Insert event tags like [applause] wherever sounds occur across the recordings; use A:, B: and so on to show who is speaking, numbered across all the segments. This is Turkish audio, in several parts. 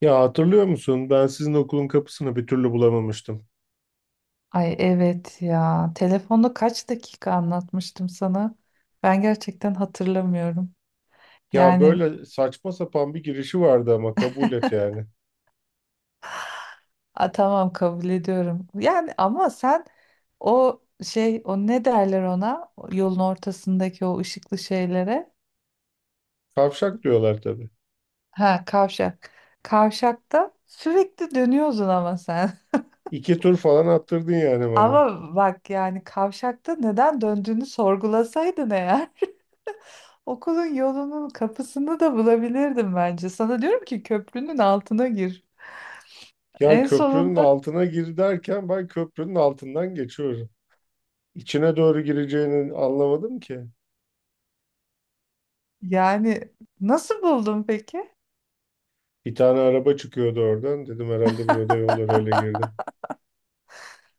A: Ya hatırlıyor musun? Ben sizin okulun kapısını bir türlü bulamamıştım.
B: Ay evet ya. Telefonda kaç dakika anlatmıştım sana? Ben gerçekten hatırlamıyorum.
A: Ya
B: Yani
A: böyle saçma sapan bir girişi vardı ama kabul et yani.
B: tamam kabul ediyorum. Yani ama sen o ne derler ona? O yolun ortasındaki o ışıklı şeylere.
A: Kavşak diyorlar tabii.
B: Ha, kavşak. Kavşakta sürekli dönüyorsun ama sen.
A: İki tur falan attırdın yani
B: [laughs]
A: bana.
B: Ama bak, yani kavşakta neden döndüğünü sorgulasaydın eğer, okulun yolunun kapısını da bulabilirdim bence. Sana diyorum ki köprünün altına gir.
A: Ya
B: En
A: köprünün
B: sonunda
A: altına gir derken ben köprünün altından geçiyorum. İçine doğru gireceğini anlamadım ki.
B: yani nasıl buldun peki?
A: Bir tane araba çıkıyordu oradan. Dedim herhalde burada yol var öyle girdim.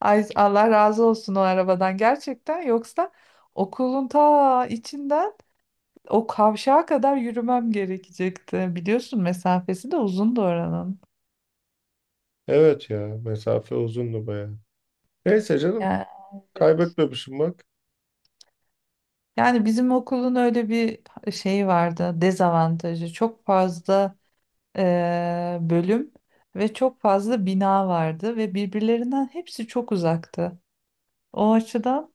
B: Ay Allah razı olsun o arabadan gerçekten. Yoksa okulun ta içinden o kavşağa kadar yürümem gerekecekti. Biliyorsun mesafesi de uzundu oranın.
A: Evet ya mesafe uzundu bayağı. Neyse canım
B: Yani,
A: kaybetmemişim bak.
B: yani, bizim okulun öyle bir şeyi vardı, dezavantajı. Çok fazla bölüm ve çok fazla bina vardı ve birbirlerinden hepsi çok uzaktı. O açıdan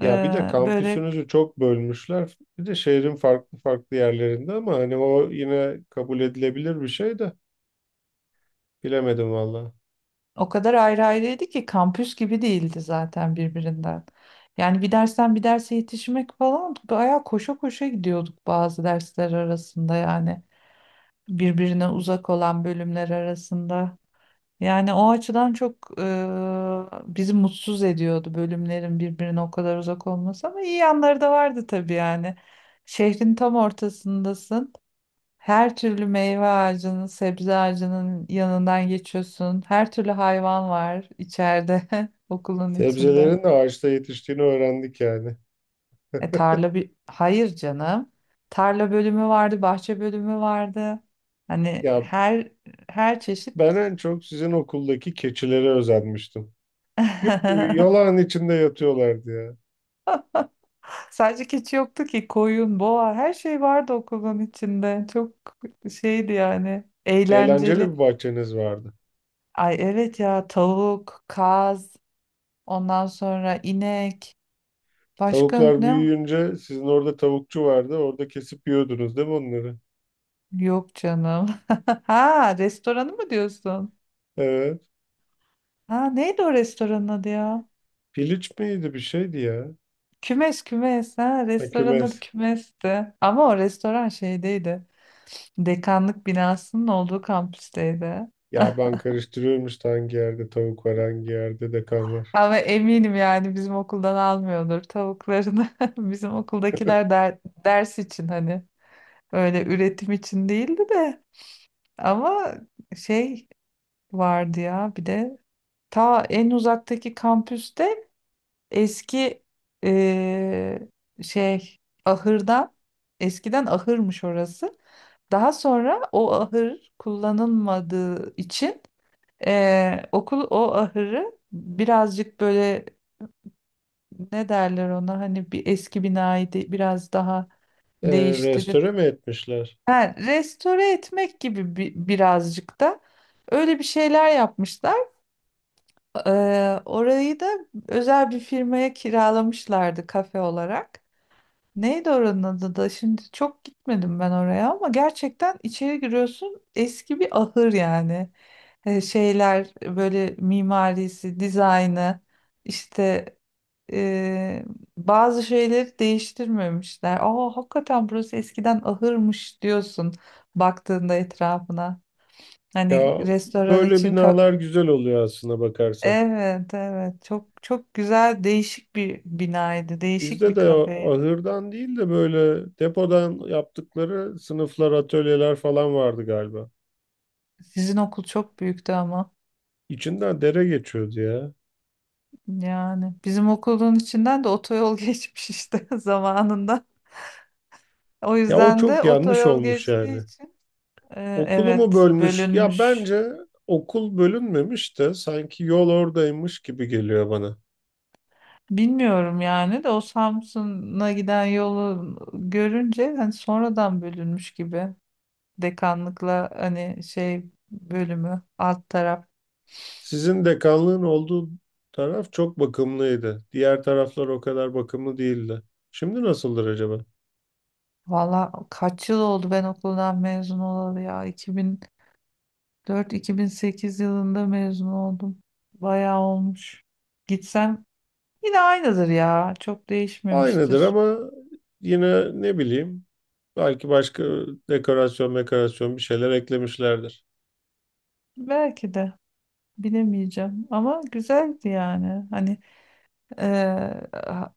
A: Ya bir de
B: böyle
A: kampüsünüzü çok bölmüşler. Bir de şehrin farklı farklı yerlerinde ama hani o yine kabul edilebilir bir şey de bilemedim valla.
B: o kadar ayrı ayrıydı ki kampüs gibi değildi zaten birbirinden. Yani bir dersten bir derse yetişmek falan bayağı koşa koşa gidiyorduk bazı dersler arasında, yani birbirine uzak olan bölümler arasında. Yani o açıdan çok bizi mutsuz ediyordu bölümlerin birbirine o kadar uzak olması, ama iyi yanları da vardı tabii yani. Şehrin tam ortasındasın. Her türlü meyve ağacının, sebze ağacının yanından geçiyorsun. Her türlü hayvan var içeride, [laughs] okulun içinde.
A: Sebzelerin de ağaçta yetiştiğini öğrendik yani.
B: Hayır canım. Tarla bölümü vardı, bahçe bölümü vardı. Hani
A: Ya
B: her her çeşit.
A: ben en çok sizin okuldaki keçilere özenmiştim. Yuh,
B: [laughs]
A: yalan içinde yatıyorlardı ya.
B: Sadece keçi yoktu ki, koyun, boğa, her şey vardı okulun içinde. Çok şeydi yani
A: Eğlenceli
B: eğlenceli.
A: bir bahçeniz vardı.
B: Ay evet ya, tavuk, kaz, ondan sonra inek. Başka
A: Tavuklar
B: ne?
A: büyüyünce sizin orada tavukçu vardı. Orada kesip yiyordunuz değil mi onları?
B: Yok canım. [laughs] Ha, restoranı mı diyorsun?
A: Evet.
B: Ha neydi o restoranın adı ya?
A: Piliç miydi bir şeydi ya.
B: Kümes, ha,
A: Ha,
B: restoranın adı
A: kümes.
B: kümesti. Ama o restoran şeydeydi, dekanlık binasının olduğu kampüsteydi.
A: Ya ben karıştırıyormuş da hangi yerde tavuk var hangi yerde de kan var.
B: Ama eminim yani bizim okuldan almıyordur tavuklarını. [laughs] Bizim okuldakiler der- Ders için, hani öyle üretim için değildi de ama şey vardı ya bir de ta en uzaktaki kampüste eski eee, şey ahırdan eskiden ahırmış orası. Daha sonra o ahır kullanılmadığı için okul o ahırı birazcık böyle, ne derler ona hani bir eski binayı biraz daha değiştirip,
A: Restore mi etmişler?
B: ha, restore etmek gibi birazcık da öyle bir şeyler yapmışlar. Orayı da özel bir firmaya kiralamışlardı kafe olarak. Neydi oranın adı da? Şimdi çok gitmedim ben oraya ama gerçekten içeri giriyorsun, eski bir ahır yani. Şeyler böyle mimarisi, dizaynı, işte e, bazı şeyleri değiştirmemişler. Aa, hakikaten burası eskiden ahırmış diyorsun baktığında etrafına. Hani
A: Ya
B: restoran
A: böyle
B: için ka-
A: binalar güzel oluyor aslında bakarsan.
B: evet, evet, çok çok güzel, değişik bir binaydı, değişik
A: Bizde
B: bir
A: de o
B: kafeydi.
A: ahırdan değil de böyle depodan yaptıkları sınıflar, atölyeler falan vardı galiba.
B: Sizin okul çok büyüktü ama.
A: İçinden dere geçiyordu ya.
B: Yani bizim okulun içinden de otoyol [laughs] geçmiş işte [laughs] zamanında. O
A: Ya o
B: yüzden de
A: çok yanlış
B: otoyol
A: olmuş
B: geçtiği
A: yani.
B: için,
A: Okulu mu
B: evet,
A: bölmüş? Ya
B: bölünmüş.
A: bence okul bölünmemiş de sanki yol oradaymış gibi geliyor bana.
B: Bilmiyorum yani, de o Samsun'a giden yolu görünce hani sonradan bölünmüş gibi. Dekanlıkla hani bölümü alt taraf.
A: Sizin dekanlığın olduğu taraf çok bakımlıydı. Diğer taraflar o kadar bakımlı değildi. Şimdi nasıldır acaba?
B: Valla kaç yıl oldu ben okuldan mezun olalı ya. 2004-2008 yılında mezun oldum. Bayağı olmuş. Gitsem yine aynıdır ya. Çok
A: Aynıdır
B: değişmemiştir.
A: ama yine ne bileyim belki başka dekorasyon, dekorasyon bir şeyler eklemişlerdir.
B: Belki de bilemeyeceğim. Ama güzeldi yani. Hani eee, ha-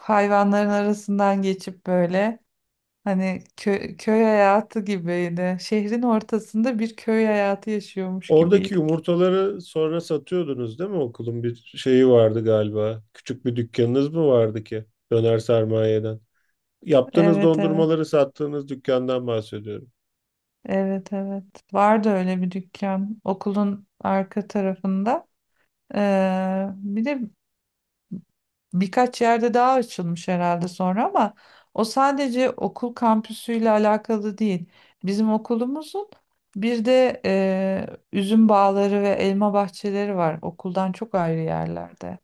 B: hayvanların arasından geçip böyle, hani köy hayatı gibiydi. Şehrin ortasında bir köy hayatı yaşıyormuş
A: Oradaki
B: gibiydik.
A: yumurtaları sonra satıyordunuz değil mi? Okulun bir şeyi vardı galiba. Küçük bir dükkanınız mı vardı ki? Döner sermayeden. Yaptığınız
B: Evet evet.
A: dondurmaları sattığınız dükkandan bahsediyorum.
B: Evet evet. Vardı öyle bir dükkan okulun arka tarafında. Bir de birkaç yerde daha açılmış herhalde sonra, ama o sadece okul kampüsüyle alakalı değil. Bizim okulumuzun bir de üzüm bağları ve elma bahçeleri var okuldan çok ayrı yerlerde.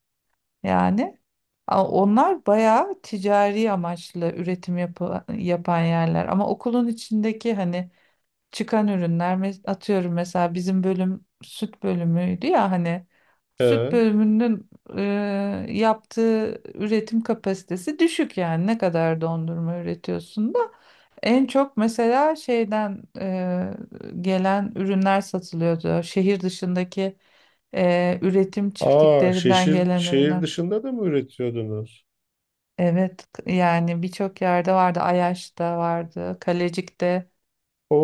B: Yani onlar bayağı ticari amaçlı üretim yapan yerler, ama okulun içindeki hani çıkan ürünler, atıyorum mesela bizim bölüm süt bölümüydü ya, hani süt
A: Evet.
B: bölümünün e, yaptığı üretim kapasitesi düşük, yani ne kadar dondurma üretiyorsun da. En çok mesela şeyden, gelen ürünler satılıyordu, şehir dışındaki üretim
A: Aa,
B: çiftliklerinden
A: şehir,
B: gelen
A: şehir
B: ürünler.
A: dışında da mı üretiyordunuz?
B: Evet, yani birçok yerde vardı, Ayaş'ta vardı, Kalecik'te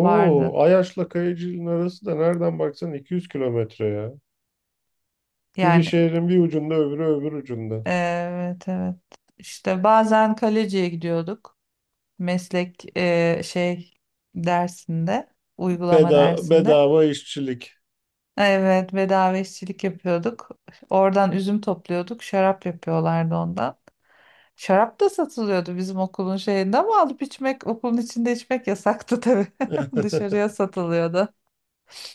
B: vardı
A: Ayaş'la Kayıcı'nın arası da nereden baksan 200 kilometre ya. Biri
B: yani.
A: şehrin bir ucunda, öbürü öbür ucunda.
B: Evet evet. İşte bazen kaleciye gidiyorduk. Meslek e, şey dersinde, uygulama dersinde.
A: Bedava işçilik.
B: Evet, bedava işçilik yapıyorduk. Oradan üzüm topluyorduk. Şarap yapıyorlardı ondan. Şarap da satılıyordu bizim okulun şeyinde, ama alıp içmek, okulun içinde içmek yasaktı tabii. [laughs] Dışarıya
A: [laughs]
B: satılıyordu.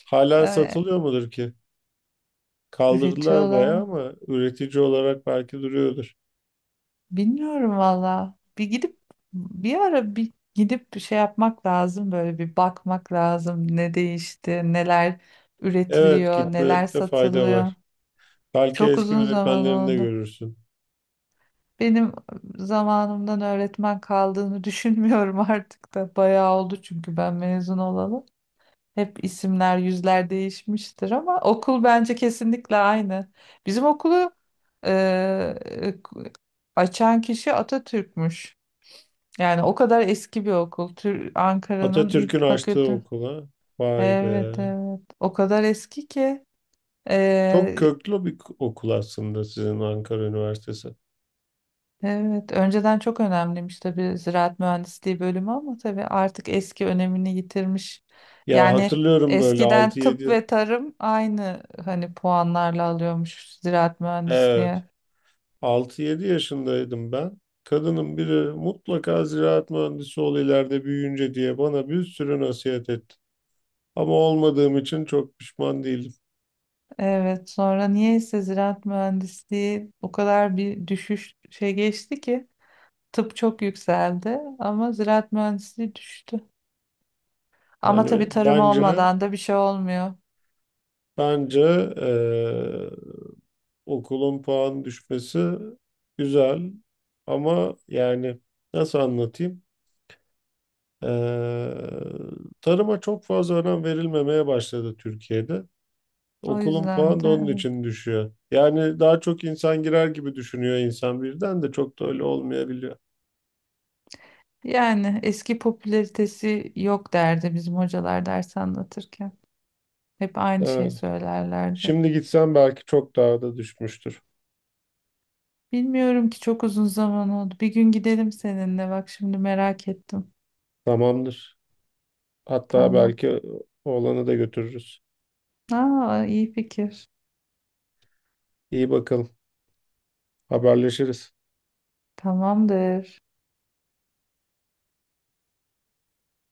A: Hala
B: Ee,
A: satılıyor mudur ki? Kaldırdılar
B: Üretiyorlar.
A: bayağı ama üretici olarak belki duruyordur.
B: Bilmiyorum valla. Bir ara bir gidip bir şey yapmak lazım, böyle bir bakmak lazım. Ne değişti, neler
A: Evet,
B: üretiliyor, neler
A: gitmekte fayda
B: satılıyor.
A: var. Belki
B: Çok
A: eski
B: uzun zaman
A: öğretmenlerini de
B: oldu.
A: görürsün.
B: Benim zamanımdan öğretmen kaldığını [laughs] düşünmüyorum artık da. Bayağı oldu çünkü ben mezun olalı. Hep isimler, yüzler değişmiştir, ama okul bence kesinlikle aynı. Bizim okulu eee, açan kişi Atatürk'müş. Yani o kadar eski bir okul. Ankara'nın ilk
A: Atatürk'ün açtığı
B: fakülte.
A: okula. Vay be.
B: Evet evet. O kadar eski ki.
A: Çok
B: Ee,
A: köklü bir okul aslında sizin Ankara Üniversitesi.
B: evet. Önceden çok önemliymiş tabii ziraat mühendisliği bölümü, ama tabii artık eski önemini yitirmiş.
A: Ya
B: Yani
A: hatırlıyorum böyle
B: eskiden
A: altı
B: tıp
A: yedi.
B: ve tarım aynı hani puanlarla alıyormuş ziraat
A: Evet.
B: mühendisliği.
A: Altı yedi yaşındaydım ben. Kadının biri mutlaka ziraat mühendisi ol ileride büyüyünce diye bana bir sürü nasihat etti. Ama olmadığım için çok pişman değilim.
B: Evet. Sonra niyeyse ziraat mühendisliği o kadar bir düşüş geçti ki. Tıp çok yükseldi ama ziraat mühendisliği düştü. Ama
A: Yani
B: tabii tarım
A: bence
B: olmadan da bir şey olmuyor.
A: bence eee, okulun puan düşmesi güzel ama yani nasıl anlatayım? Eee, Tarıma çok fazla önem verilmemeye başladı Türkiye'de.
B: O
A: Okulun
B: yüzden
A: puanı da
B: de
A: onun
B: evet,
A: için düşüyor. Yani daha çok insan girer gibi düşünüyor insan birden de çok da öyle olmayabiliyor.
B: yani eski popülaritesi yok derdi bizim hocalar ders anlatırken. Hep aynı şey
A: Evet.
B: söylerlerdi.
A: Şimdi gitsen belki çok daha da düşmüştür.
B: Bilmiyorum ki çok uzun zaman oldu. Bir gün gidelim seninle. Bak şimdi merak ettim.
A: Tamamdır. Hatta
B: Tamam.
A: belki oğlanı da götürürüz.
B: Aa, iyi fikir.
A: İyi bakalım. Haberleşiriz.
B: Tamamdır.